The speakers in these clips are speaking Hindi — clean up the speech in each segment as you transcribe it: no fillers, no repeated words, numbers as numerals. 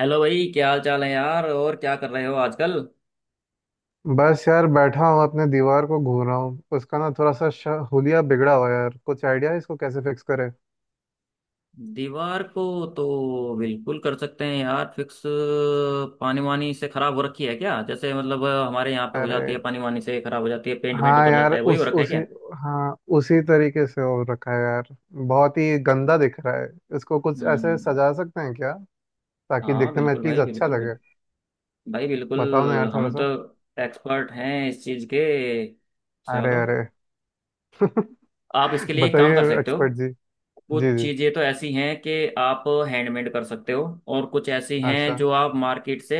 हेलो भाई, क्या हाल चाल है यार? और क्या कर रहे हो आजकल? बस यार बैठा हूँ अपने दीवार को घूर रहा हूँ। उसका ना थोड़ा सा हुलिया बिगड़ा हुआ है यार। कुछ आइडिया है इसको कैसे फिक्स करें? दीवार को तो बिल्कुल कर सकते हैं यार, फिक्स। पानी वानी से खराब हो रखी है क्या? जैसे मतलब हमारे यहाँ पे हो अरे जाती है, पानी वानी से खराब हो जाती है, पेंट वेंट हाँ उतर यार जाता है, वही हो उस रखा है उसी क्या? हाँ उसी तरीके से हो रखा है यार, बहुत ही गंदा दिख रहा है। इसको कुछ ऐसे हम्म। सजा सकते हैं क्या, ताकि हाँ दिखने में बिल्कुल एटलीस्ट भाई, अच्छा बिल्कुल लगे। बिल्कुल। भाई बताओ ना यार बिल्कुल, थोड़ा हम तो सा। एक्सपर्ट हैं इस चीज़ के। अरे चलो, अरे आप इसके लिए एक काम बताइए कर सकते हो। एक्सपर्ट जी। जी कुछ जी। चीजें तो ऐसी हैं कि आप हैंडमेड कर सकते हो, और कुछ ऐसी हैं अच्छा जो आप मार्केट से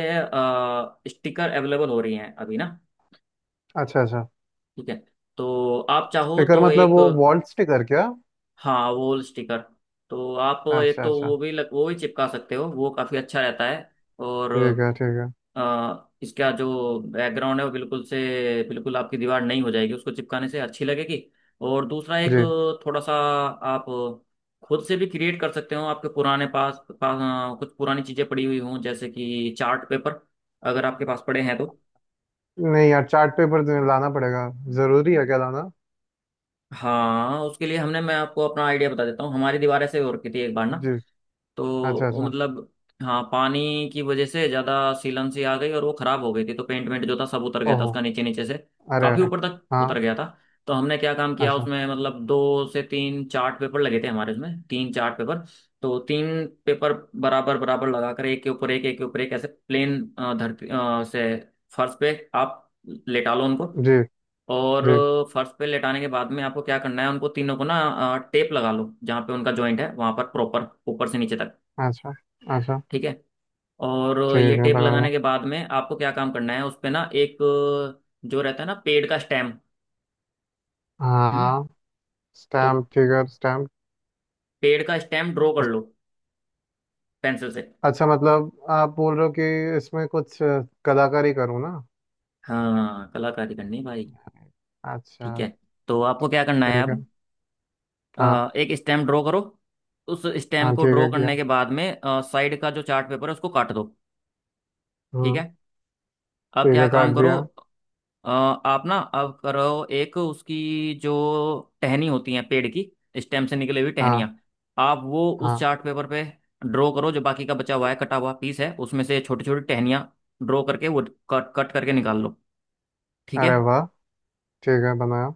स्टिकर अवेलेबल हो रही हैं अभी ना। अच्छा। अच्छा ठीक है। तो आप चाहो स्टिकर तो मतलब एक, वो वॉल स्टिकर क्या? हाँ वॉल स्टिकर। तो आप एक अच्छा तो अच्छा। वो भी वो भी चिपका सकते हो, वो काफी अच्छा रहता है। और ठीक है ठीक है। इसका जो बैकग्राउंड है वो बिल्कुल से, बिल्कुल आपकी दीवार नहीं हो जाएगी उसको चिपकाने से, अच्छी लगेगी। और दूसरा, एक जी। थोड़ा सा आप खुद से भी क्रिएट कर सकते हो। आपके पुराने पास पास कुछ पुरानी चीज़ें पड़ी हुई हों जैसे कि चार्ट पेपर, अगर आपके पास पड़े हैं तो। नहीं यार, चार्ट पेपर तुम्हें लाना पड़ेगा। जरूरी है क्या लाना? हाँ उसके लिए हमने, मैं आपको अपना आइडिया बता देता हूँ। हमारी दीवार ऐसे हो रखी थी एक बार ना, जी। तो अच्छा वो अच्छा। मतलब, हाँ पानी की वजह से ज्यादा सीलन सी आ गई और वो खराब हो गई थी, तो पेंट वेंट जो था सब उतर गया था ओहो। उसका, नीचे नीचे से अरे काफी अरे। ऊपर तक हाँ। उतर गया था। तो हमने क्या काम किया अच्छा। उसमें, मतलब दो से तीन चार्ट पेपर लगे थे हमारे, उसमें तीन चार्ट पेपर। तो तीन पेपर बराबर बराबर लगाकर एक के ऊपर एक, ऐसे प्लेन धरती से, फर्श पे आप लेटा लो उनको। जी और जी। फर्श पे लेटाने के बाद में आपको क्या करना है, उनको तीनों को ना टेप लगा लो, जहाँ पे उनका जॉइंट है वहां पर प्रॉपर ऊपर से नीचे तक। अच्छा अच्छा। ठीक है। और ठीक ये है टेप लगा लो। लगाने के बाद में आपको क्या काम करना है उस पे, ना एक जो रहता है ना पेड़ का स्टेम। हम्म। हाँ। तो स्टैम्प फिगर स्टैम्प। पेड़ का स्टेम ड्रॉ कर लो, पेंसिल से। अच्छा मतलब आप बोल रहे हो कि इसमें कुछ कलाकारी करूँ ना? हाँ कलाकारी करनी है भाई। अच्छा। ठीक है। तो आपको क्या करना है ठीक है। अब, हाँ। एक स्टेम ड्रॉ करो। उस स्टेम हाँ को ठीक ड्रॉ है करने किया। के बाद में साइड का जो चार्ट पेपर है उसको काट दो। ठीक हम्म। है। अब ठीक क्या है काम काट करो, दिया। आप ना अब करो, एक उसकी जो टहनी होती है पेड़ की, स्टेम से निकली हुई हाँ। टहनियाँ, आप वो उस हाँ। चार्ट पेपर पे ड्रॉ करो। जो बाकी का बचा हुआ है कटा हुआ पीस है उसमें से छोटी छोटी टहनियाँ ड्रॉ करके वो कट कट करके निकाल लो। ठीक है। अरे वाह। ठीक है बनाया।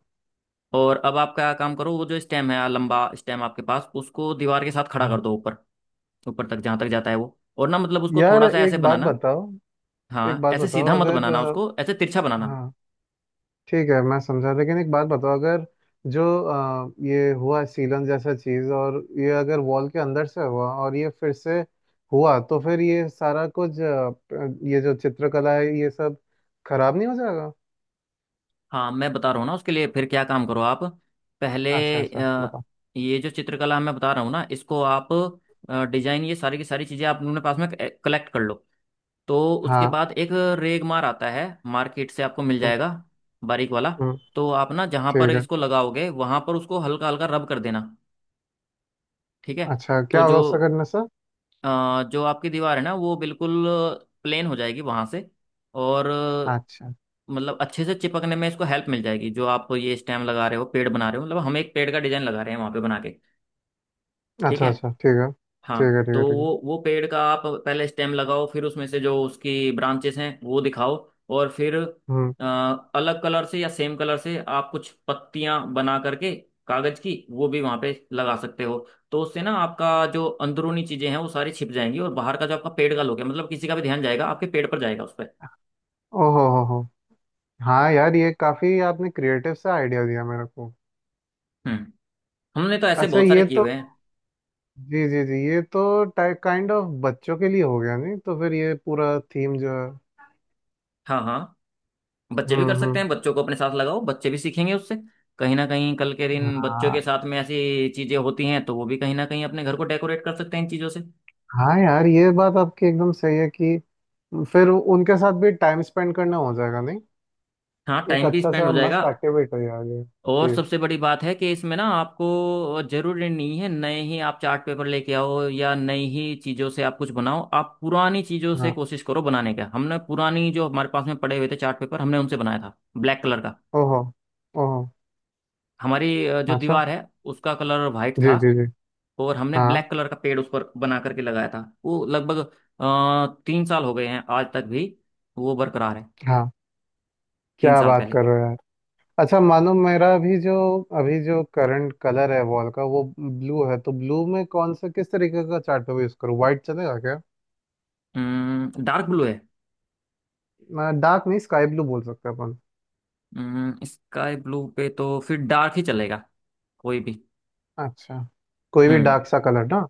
और अब आप क्या काम करो, वो जो स्टेम है लंबा स्टेम आपके पास, उसको दीवार के साथ खड़ा कर हाँ दो ऊपर, ऊपर तक जहाँ तक जाता है वो, और ना मतलब उसको यार थोड़ा सा ऐसे एक बात बनाना, बताओ। एक हाँ बात ऐसे बताओ सीधा मत अगर बनाना, उसको ऐसे तिरछा बनाना। हाँ। ठीक है मैं समझा, लेकिन एक बात बताओ अगर जो ये हुआ सीलन जैसा चीज, और ये अगर वॉल के अंदर से हुआ और ये फिर से हुआ, तो फिर ये सारा कुछ ये जो चित्रकला है ये सब खराब नहीं हो जाएगा? हाँ मैं बता रहा हूँ ना, उसके लिए फिर क्या काम करो आप पहले। अच्छा अच्छा अ, बताओ। ये जो चित्रकला मैं बता रहा हूँ ना, इसको आप डिजाइन, ये सारी की सारी चीज़ें आप अपने पास में कलेक्ट कर लो। तो उसके हाँ। बाद एक रेगमार आता है, मार्केट से आपको मिल हम्म, जाएगा, बारीक वाला। हम्म, तो आप ना जहाँ पर ठीक है। इसको लगाओगे वहाँ पर उसको हल्का हल्का रब कर देना। ठीक है। अच्छा तो क्या जो होगा उससे करने से? अ, जो आपकी दीवार है ना वो बिल्कुल प्लेन हो जाएगी वहां से। और अच्छा। मतलब अच्छे से चिपकने में इसको हेल्प मिल जाएगी, जो आप ये स्टेम लगा रहे हो, पेड़ बना रहे हो, मतलब हम एक पेड़ का डिजाइन लगा रहे हैं वहां पे बना के। ठीक अच्छा है। अच्छा। ठीक है हाँ ठीक है ठीक तो है। ठीक है। वो पेड़ का आप पहले स्टेम लगाओ, फिर उसमें से जो उसकी ब्रांचेस हैं वो दिखाओ। और फिर हम्म। अ, अलग कलर से या सेम कलर से आप कुछ पत्तियां बना करके कागज की, वो भी वहां पे लगा सकते हो। तो उससे ना आपका जो अंदरूनी चीजें हैं वो सारी छिप जाएंगी, और बाहर का जो आपका पेड़ का लुक है, मतलब किसी का भी ध्यान जाएगा, आपके पेड़ पर जाएगा, उस पर। ओहो हो हो। हाँ यार, ये काफी आपने क्रिएटिव सा आइडिया दिया मेरे को। हम्म। हमने तो ऐसे अच्छा बहुत सारे ये किए तो। हुए हैं। जी जी जी, ये तो टाइप काइंड ऑफ बच्चों के लिए हो गया, नहीं तो फिर ये पूरा थीम जो है। हाँ हाँ, बच्चे भी कर सकते हम्म। हैं, बच्चों को अपने साथ लगाओ, बच्चे भी सीखेंगे उससे। कहीं ना कहीं कल के दिन बच्चों के हाँ। साथ में ऐसी चीजें होती हैं, तो वो भी कहीं ना कहीं अपने घर को डेकोरेट कर सकते हैं इन चीजों से। हाँ यार ये बात आपकी एकदम सही है कि फिर उनके साथ भी टाइम स्पेंड करना हो जाएगा, नहीं? हाँ एक टाइम भी अच्छा स्पेंड सा हो जाएगा। मस्त एक्टिविटी हो जाएगा। और जी। सबसे बड़ी बात है कि इसमें ना आपको जरूरी नहीं है नए ही आप चार्ट पेपर लेके आओ, या नई ही चीजों से आप कुछ बनाओ, आप पुरानी चीजों से हाँ। कोशिश करो बनाने का। हमने पुरानी जो हमारे पास में पड़े हुए थे चार्ट पेपर, हमने उनसे बनाया था ब्लैक कलर का। ओहो। ओहो। हमारी जो अच्छा। दीवार है उसका कलर वाइट जी था, जी जी। तो, और हमने हाँ। ब्लैक कलर का पेड़ उस पर बना करके लगाया था। वो लगभग 3 साल हो गए हैं, आज तक भी वो बरकरार है। हाँ तीन क्या साल बात पहले। कर रहे हो यार। अच्छा मानो मेरा अभी जो, अभी जो करंट कलर है वॉल का वो ब्लू है, तो ब्लू में कौन सा, किस तरीके का चार्ट पेपर यूज करूँ? व्हाइट चलेगा क्या? डार्क ब्लू है। डार्क नहीं, स्काई ब्लू बोल सकते अपन। स्काई ब्लू पे तो फिर डार्क ही चलेगा, कोई भी। अच्छा। कोई भी हम्म डार्क सा कलर ना।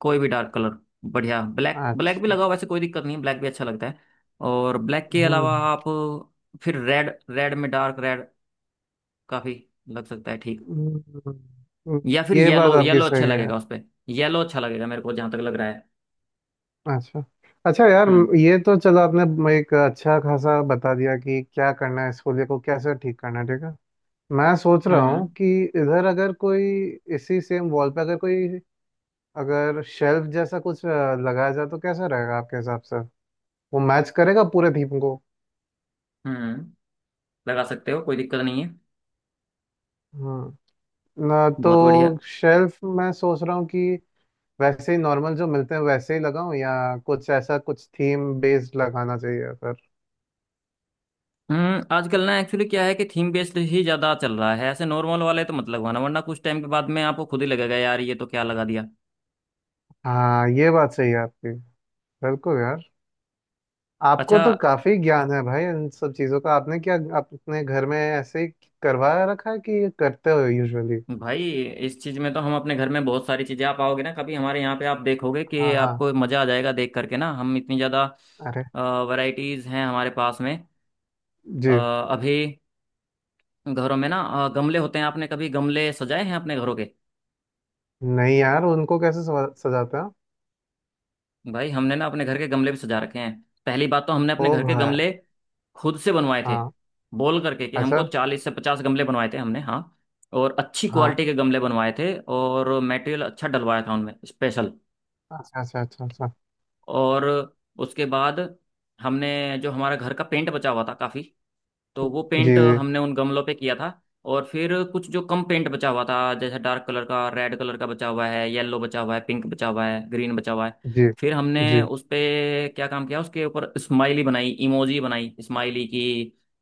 कोई भी डार्क कलर, बढ़िया, ब्लैक, ब्लैक भी अच्छा। लगाओ, वैसे कोई दिक्कत नहीं है, ब्लैक भी अच्छा लगता है। और ब्लैक के हम्म। अलावा आप फिर रेड, रेड में डार्क रेड काफी लग सकता है, ठीक। हम्म, हम्म, या फिर ये बात येलो, आपकी येलो अच्छा सही है लगेगा यार। उस पे। येलो अच्छा लगेगा मेरे को जहां तक लग रहा है। अच्छा। अच्छा यार हम्म। ये तो चलो आपने एक अच्छा खासा बता दिया कि क्या करना है, स्कूल को कैसे ठीक करना है। ठीक है। मैं सोच रहा हूँ हम्म। कि इधर अगर कोई, इसी सेम वॉल पे अगर कोई, अगर शेल्फ जैसा कुछ लगाया जाए तो कैसा रहेगा आपके हिसाब से? वो मैच करेगा पूरे थीम को? हम्म लगा सकते हो, कोई दिक्कत नहीं है, ना तो बहुत बढ़िया। शेल्फ मैं सोच रहा हूँ कि वैसे ही नॉर्मल जो मिलते हैं वैसे ही लगाऊं, या कुछ ऐसा कुछ थीम बेस्ड लगाना चाहिए फिर? आजकल ना एक्चुअली क्या है कि थीम बेस्ड ही ज्यादा चल रहा है, ऐसे नॉर्मल वाले तो मत लगवाना, वरना कुछ टाइम के बाद में आपको खुद ही लगेगा यार ये तो क्या लगा दिया। हाँ ये बात सही है आपकी। बिल्कुल यार। आपको अच्छा तो काफी ज्ञान है भाई इन सब चीजों का। आपने क्या अपने घर में ऐसे ही करवाया रखा है कि ये करते हो यूजुअली? भाई, इस चीज में तो हम अपने घर में बहुत सारी चीजें, आप आओगे ना कभी हमारे यहाँ पे आप देखोगे कि हाँ हाँ। आपको मजा आ जाएगा देख करके ना, हम इतनी ज्यादा अरे। वैरायटीज हैं हमारे पास में। जी। अ, अभी घरों में ना गमले होते हैं। आपने कभी गमले सजाए हैं अपने घरों के? नहीं यार, उनको कैसे सजाते हैं? भाई हमने ना अपने घर के गमले भी सजा रखे हैं। पहली बात, तो हमने ओ अपने घर के भाई। गमले खुद से बनवाए थे, हाँ। बोल करके कि हमको अच्छा। 40 से 50 गमले बनवाए थे हमने, हाँ। और अच्छी हाँ। क्वालिटी के गमले बनवाए थे, और मटेरियल अच्छा डलवाया था उनमें स्पेशल। अच्छा अच्छा अच्छा अच्छा। और उसके बाद हमने जो हमारा घर का पेंट बचा हुआ था काफ़ी, तो वो जी पेंट जी हमने उन गमलों पे किया था। और फिर कुछ जो कम पेंट बचा हुआ था जैसे डार्क कलर का, रेड कलर का बचा हुआ है, येलो बचा हुआ है, पिंक बचा हुआ है, ग्रीन बचा हुआ है, जी फिर हमने जी। उस पे क्या काम किया, उसके ऊपर स्माइली बनाई, इमोजी बनाई स्माइली की,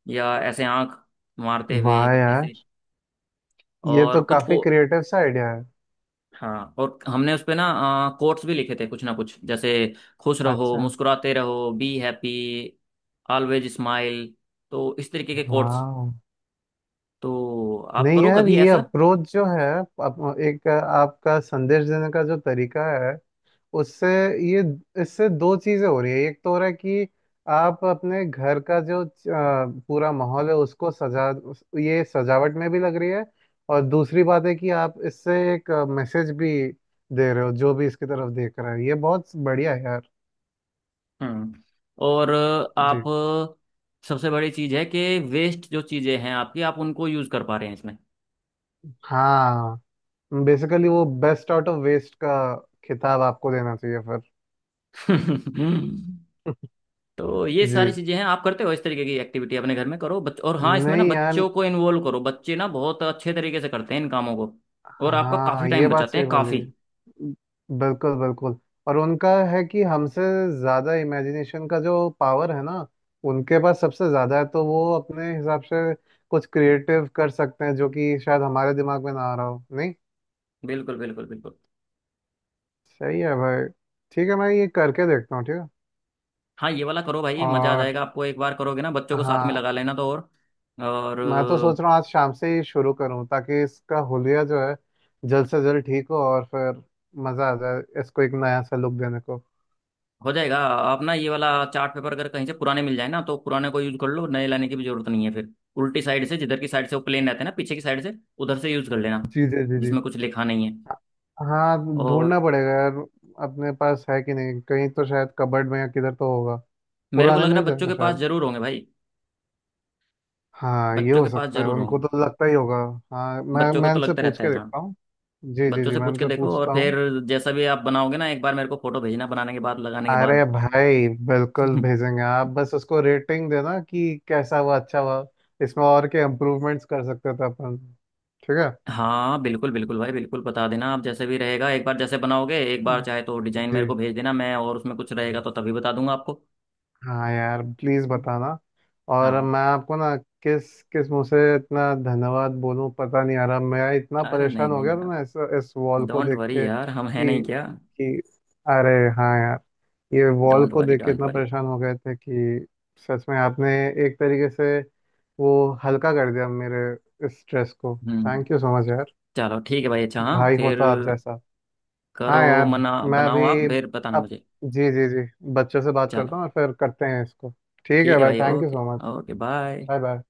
या ऐसे आंख मारते हुए वाह कुछ यार, ऐसे। ये और तो कुछ काफी को, क्रिएटिव सा आइडिया है। हाँ, और हमने उस पे ना कोट्स भी लिखे थे, कुछ ना कुछ, जैसे खुश रहो, अच्छा। मुस्कुराते रहो, बी हैप्पी, ऑलवेज स्माइल, तो इस तरीके के कोट्स। वाह। तो आप नहीं करो यार कभी ये ऐसा। अप्रोच जो है, एक आपका संदेश देने का जो तरीका है, उससे, ये, इससे दो चीजें हो रही है। एक तो हो रहा है कि आप अपने घर का जो पूरा माहौल है, उसको सजा, ये सजावट में भी लग रही है। और दूसरी बात है कि आप इससे एक मैसेज भी दे रहे हो जो भी इसकी तरफ देख रहा है। ये बहुत बढ़िया है यार। हम्म और जी। आप, सबसे बड़ी चीज है कि वेस्ट जो चीजें हैं आपकी, आप उनको यूज कर पा रहे हैं इसमें। हाँ बेसिकली वो बेस्ट आउट ऑफ वेस्ट का खिताब आपको देना चाहिए फिर। तो ये सारी जी। चीजें हैं, आप करते हो इस तरीके की एक्टिविटी अपने घर में करो, बच और हाँ इसमें ना नहीं यार। बच्चों को इन्वॉल्व करो, बच्चे ना बहुत अच्छे तरीके से करते हैं इन कामों को, और आपका काफी हाँ टाइम ये बात बचाते सही हैं काफी। बोली। बिल्कुल बिल्कुल। और उनका है कि हमसे ज्यादा इमेजिनेशन का जो पावर है ना, उनके पास सबसे ज्यादा है, तो वो अपने हिसाब से कुछ क्रिएटिव कर सकते हैं जो कि शायद हमारे दिमाग में ना आ रहा हो, नहीं? बिल्कुल बिल्कुल बिल्कुल। सही है भाई। ठीक है मैं ये करके देखता हूँ। ठीक है। हाँ ये वाला करो भाई, ये मजा आ और। जाएगा आपको, एक बार करोगे ना, बच्चों को साथ में हाँ। लगा लेना तो और मैं तो सोच रहा हूँ आज शाम से ही शुरू करूँ, ताकि इसका हुलिया जो है जल्द से जल्द ठीक हो, और फिर मज़ा आ जाए इसको एक नया सा लुक देने को। हो जाएगा। आप ना ये वाला चार्ट पेपर अगर कहीं से पुराने मिल जाए ना, तो पुराने को यूज कर लो, नए लाने की भी जरूरत नहीं है फिर। उल्टी साइड से, जिधर की साइड से वो प्लेन रहते हैं ना, पीछे की साइड से उधर से यूज कर लेना, जी जी जी जी। जिसमें कुछ लिखा नहीं है। हाँ। और ढूंढना पड़ेगा यार। अपने पास है कि नहीं, कहीं तो शायद कबर्ड में या किधर तो होगा। मेरे को पुराने लग रहा मिल है बच्चों जाएंगे के पास शायद। जरूर होंगे भाई। हाँ ये बच्चों हो के पास सकता है, जरूर उनको होंगे। तो लगता ही होगा। हाँ, मैं बच्चों को मैं तो इनसे लगता पूछ रहता है के हाँ। देखता हूँ। जी जी बच्चों जी, से मैं पूछ के इनसे देखो, और पूछता फिर हूँ। जैसा भी आप बनाओगे ना, एक बार मेरे को फोटो भेजना, बनाने के बाद, लगाने के बाद। अरे भाई बिल्कुल भेजेंगे। आप बस उसको रेटिंग देना कि कैसा हुआ, अच्छा हुआ, इसमें और क्या इम्प्रूवमेंट्स कर सकते थे अपन। ठीक है। हाँ बिल्कुल बिल्कुल भाई, बिल्कुल बता देना आप, जैसे भी रहेगा, एक बार जैसे बनाओगे, एक बार चाहे तो डिजाइन मेरे को जी। भेज देना, मैं और उसमें कुछ रहेगा तो तभी बता दूंगा आपको। हाँ यार प्लीज बताना। और हाँ मैं आपको ना किस किस मुंह से इतना धन्यवाद बोलूं पता नहीं आ रहा। मैं इतना अरे नहीं परेशान हो नहीं गया था यार, ना इस वॉल को डोंट देख वरी के यार, हम हैं कि नहीं क्या। कि अरे। हाँ यार, ये वॉल डोंट को वरी देख के डोंट इतना वरी। परेशान हो गए थे कि सच में आपने एक तरीके से वो हल्का कर दिया मेरे इस स्ट्रेस को। हम्म। थैंक यू सो मच यार। चलो ठीक है भाई, अच्छा हाँ, भाई फिर होता आप जैसा। करो, हाँ यार। मना मैं अभी, बनाओ आप, फिर बताना अब, मुझे। जी जी जी, बच्चों से बात करता चलो हूँ और फिर करते हैं इसको। ठीक है ठीक है भाई, भाई, thank you okay. So much. Okay, bye. Bye bye.